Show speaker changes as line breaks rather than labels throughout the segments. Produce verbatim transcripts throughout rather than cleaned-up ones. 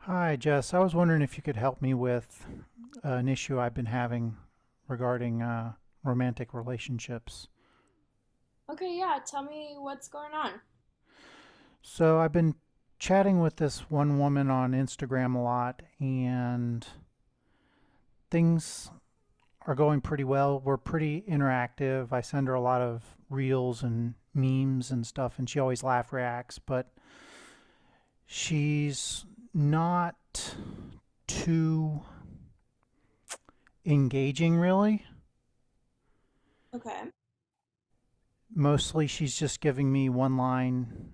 Hi, Jess. I was wondering if you could help me with uh, an issue I've been having regarding uh, romantic relationships.
Okay, yeah, tell me what's going on.
So, I've been chatting with this one woman on Instagram a lot, and things are going pretty well. We're pretty interactive. I send her a lot of reels and memes and stuff, and she always laugh reacts, but she's not too engaging, really.
Okay.
Mostly, she's just giving me one line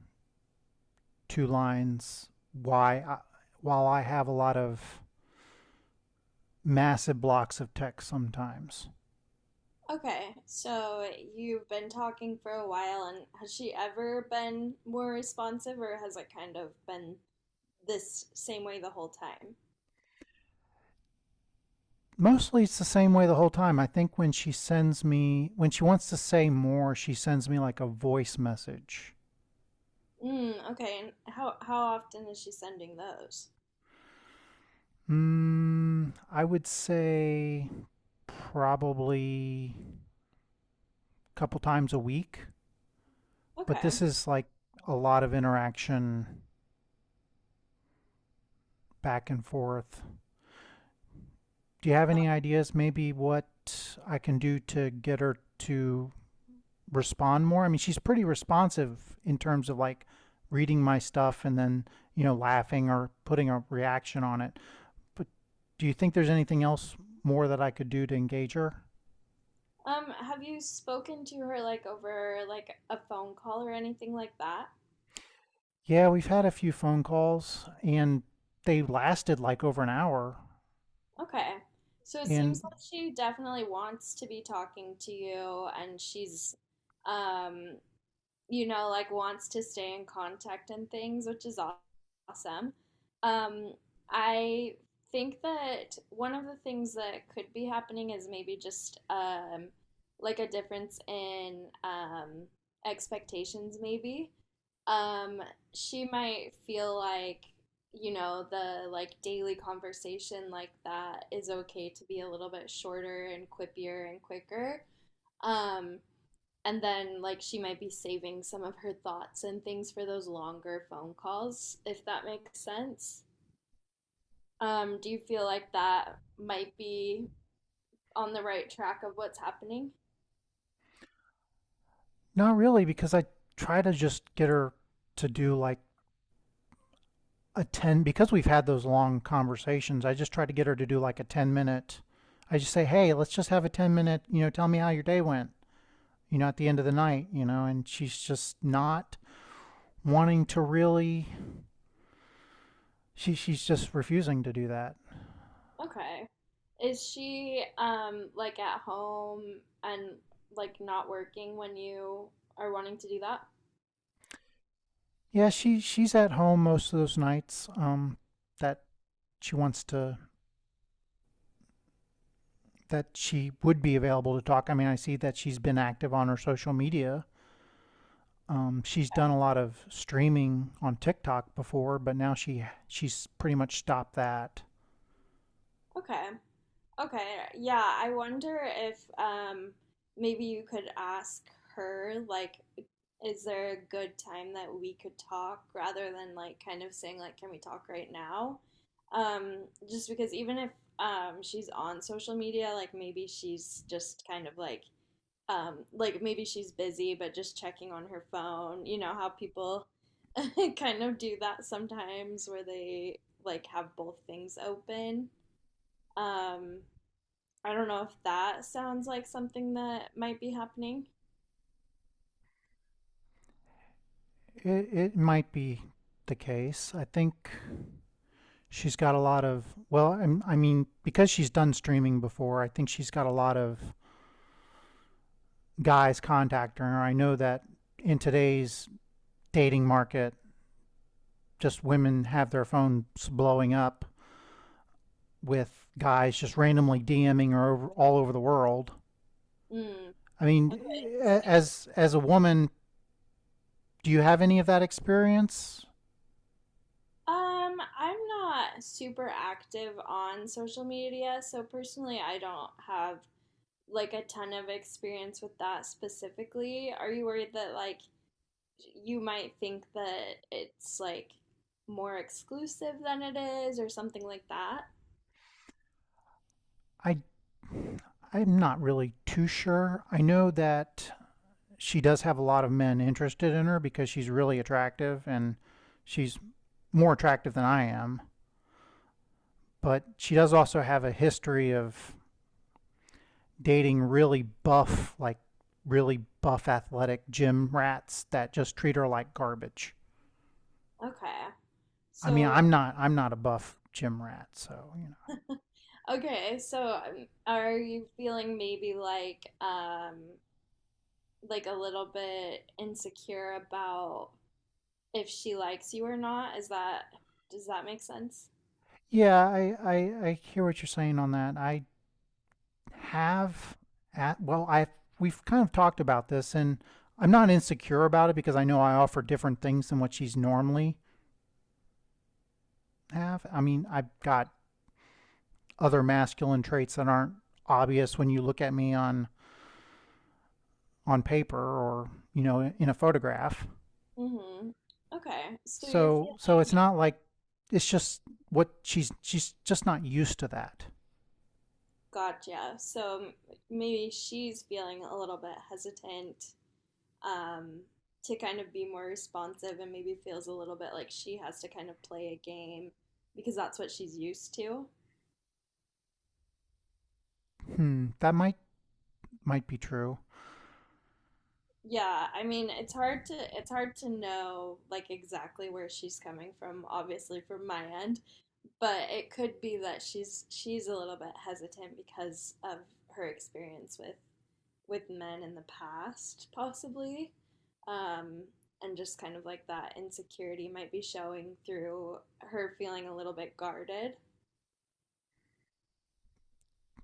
two lines why I, while I have a lot of massive blocks of text sometimes.
Okay, so you've been talking for a while, and has she ever been more responsive, or has it kind of been this same way the whole time?
Mostly it's the same way the whole time. I think when she sends me when she wants to say more, she sends me like a voice message.
Mm, okay, and how how often is she sending those?
Mm, I would say probably a couple times a week, but
Okay.
this is like a lot of interaction back and forth. Do you have any ideas maybe what I can do to get her to respond more? I mean, she's pretty responsive in terms of like reading my stuff and then, you know, laughing or putting a reaction on it. But do you think there's anything else more that I could do to engage her?
Um, have you spoken to her like over like a phone call or anything like that?
Yeah, we've had a few phone calls and they lasted like over an hour.
Okay. So it
And
seems like she definitely wants to be talking to you, and she's um you know, like wants to stay in contact and things, which is aw- awesome. Um I think that one of the things that could be happening is maybe just um like a difference in um expectations maybe. Um she might feel like, you know, the like daily conversation like that is okay to be a little bit shorter and quippier and quicker. Um, and then like she might be saving some of her thoughts and things for those longer phone calls, if that makes sense. Um, do you feel like that might be on the right track of what's happening?
not really, because I try to just get her to do like a ten, because we've had those long conversations. I just try to get her to do like a ten minute. I just say, "Hey, let's just have a ten minute, you know, tell me how your day went." You know, at the end of the night, you know, and she's just not wanting to really, she she's just refusing to do that.
Okay. Is she um like at home and like not working when you are wanting to do that?
Yeah, she she's at home most of those nights, um, that she wants to that she would be available to talk. I mean, I see that she's been active on her social media. Um, she's done a lot of streaming on TikTok before, but now she she's pretty much stopped that.
Okay. Okay. Okay, yeah, I wonder if um maybe you could ask her like, is there a good time that we could talk rather than like kind of saying like, can we talk right now? Um just because even if um she's on social media, like maybe she's just kind of like um like maybe she's busy but just checking on her phone, you know how people kind of do that sometimes where they like have both things open. Um I don't know if that sounds like something that might be happening.
It, it might be the case. I think she's got a lot of, well, I mean, because she's done streaming before, I think she's got a lot of guys contacting her. I know that in today's dating market, just women have their phones blowing up with guys just randomly DMing her over, all over the world.
Mm,
I mean,
okay. Sweet.
as as a woman, do you have any of that experience?
Um, I'm not super active on social media, so personally, I don't have like a ton of experience with that specifically. Are you worried that like you might think that it's like more exclusive than it is or something like that?
I i'm not really too sure. I know that she does have a lot of men interested in her because she's really attractive, and she's more attractive than I am. But she does also have a history of dating really buff, like really buff athletic gym rats that just treat her like garbage.
Okay.
I mean, I'm
So,
not I'm not a buff gym rat, so you know.
okay, so um, are you feeling maybe like um like a little bit insecure about if she likes you or not. Is that, does that make sense?
Yeah, I, I, I hear what you're saying on that. I have at well I We've kind of talked about this, and I'm not insecure about it because I know I offer different things than what she's normally have. I mean, I've got other masculine traits that aren't obvious when you look at me on on paper, or you know, in a photograph.
Mm-hmm. Okay. So you're
So so it's
feeling,
not like it's just what she's she's just not used to that.
gotcha. So maybe she's feeling a little bit hesitant um to kind of be more responsive, and maybe feels a little bit like she has to kind of play a game because that's what she's used to.
Hmm, that might might be true.
Yeah, I mean, it's hard to it's hard to know like exactly where she's coming from, obviously, from my end, but it could be that she's she's a little bit hesitant because of her experience with with men in the past, possibly, um, and just kind of like that insecurity might be showing through her feeling a little bit guarded.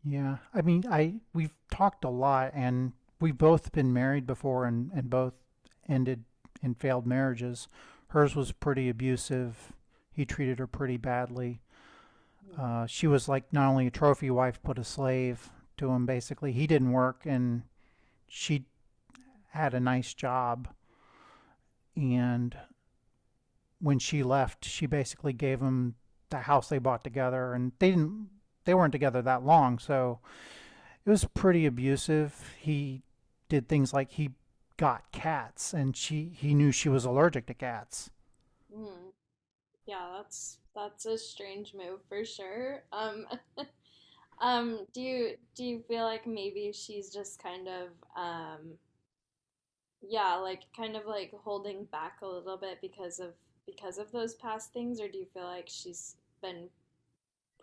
Yeah. I mean, I we've talked a lot, and we've both been married before and, and both ended in failed marriages. Hers was pretty abusive. He treated her pretty badly.
Hmm.
Uh, she was like not only a trophy wife, but a slave to him, basically. He didn't work, and she had a nice job. And when she left, she basically gave him the house they bought together. And they didn't, they weren't together that long. So it was pretty abusive. He did things like he got cats, and she he knew she was allergic to cats.
Mm, yeah, that's that's a strange move for sure. Um, um, do you do you feel like maybe she's just kind of um, yeah, like kind of like holding back a little bit because of because of those past things, or do you feel like she's been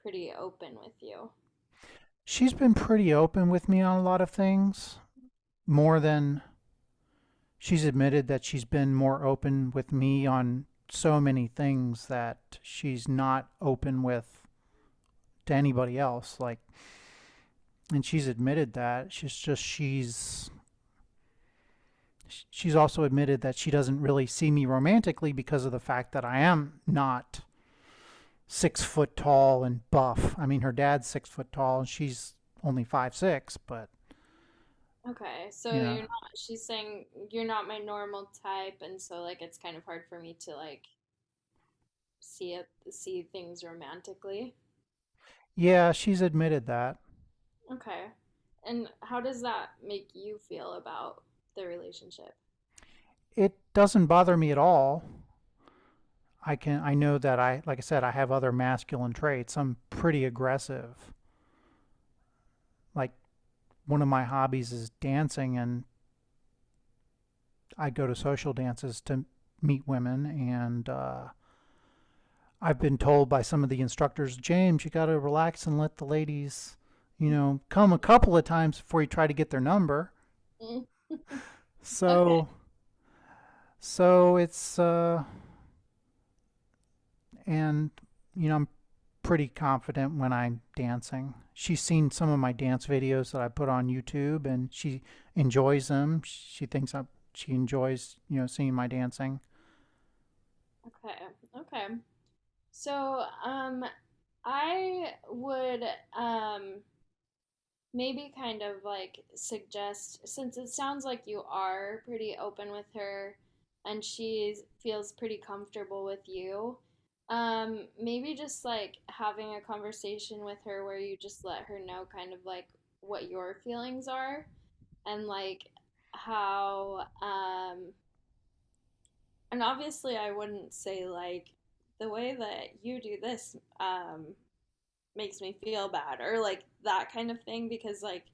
pretty open with you?
She's been pretty open with me on a lot of things, more than she's admitted that she's been more open with me on so many things that she's not open with to anybody else, like, and she's admitted that she's just she's she's also admitted that she doesn't really see me romantically because of the fact that I am not six foot tall and buff. I mean, her dad's six foot tall and she's only five six, but
Okay,
you
so you're
know,
not, she's saying you're not my normal type, and so like it's kind of hard for me to like see it, see things romantically.
yeah, she's admitted that.
Okay. And how does that make you feel about the relationship?
It doesn't bother me at all. I can I know that I like I said, I have other masculine traits. I'm pretty aggressive. Like, one of my hobbies is dancing, and I go to social dances to meet women. And uh, I've been told by some of the instructors, "James, you got to relax and let the ladies, you know, come a couple of times before you try to get their number."
Mm. Okay,
So so it's uh and you know, I'm pretty confident when I'm dancing. She's seen some of my dance videos that I put on YouTube, and she enjoys them. She thinks I She enjoys, you know, seeing my dancing.
okay, okay. So, um, I would um maybe kind of like suggest, since it sounds like you are pretty open with her and she feels pretty comfortable with you, um, maybe just like having a conversation with her where you just let her know kind of like what your feelings are, and like how um and obviously I wouldn't say like the way that you do this um makes me feel bad or like that kind of thing, because like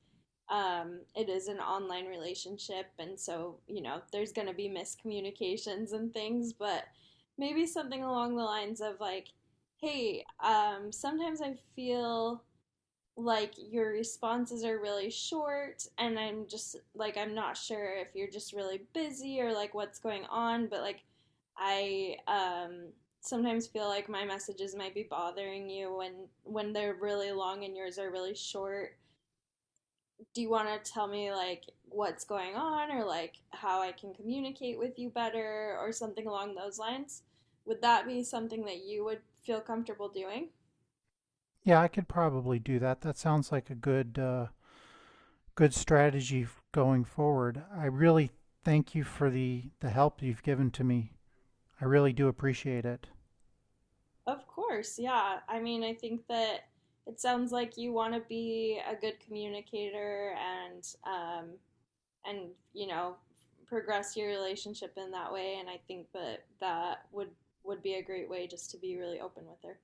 um it is an online relationship, and so you know there's going to be miscommunications and things, but maybe something along the lines of like, hey, um sometimes I feel like your responses are really short, and I'm just like, I'm not sure if you're just really busy or like what's going on, but like I um sometimes feel like my messages might be bothering you when when they're really long and yours are really short. Do you want to tell me like what's going on, or like how I can communicate with you better, or something along those lines? Would that be something that you would feel comfortable doing?
Yeah, I could probably do that. That sounds like a good uh good strategy f- going forward. I really thank you for the the help you've given to me. I really do appreciate it.
Of course, yeah. I mean, I think that it sounds like you want to be a good communicator, and um, and you know, progress your relationship in that way. And I think that that would would be a great way just to be really open with her.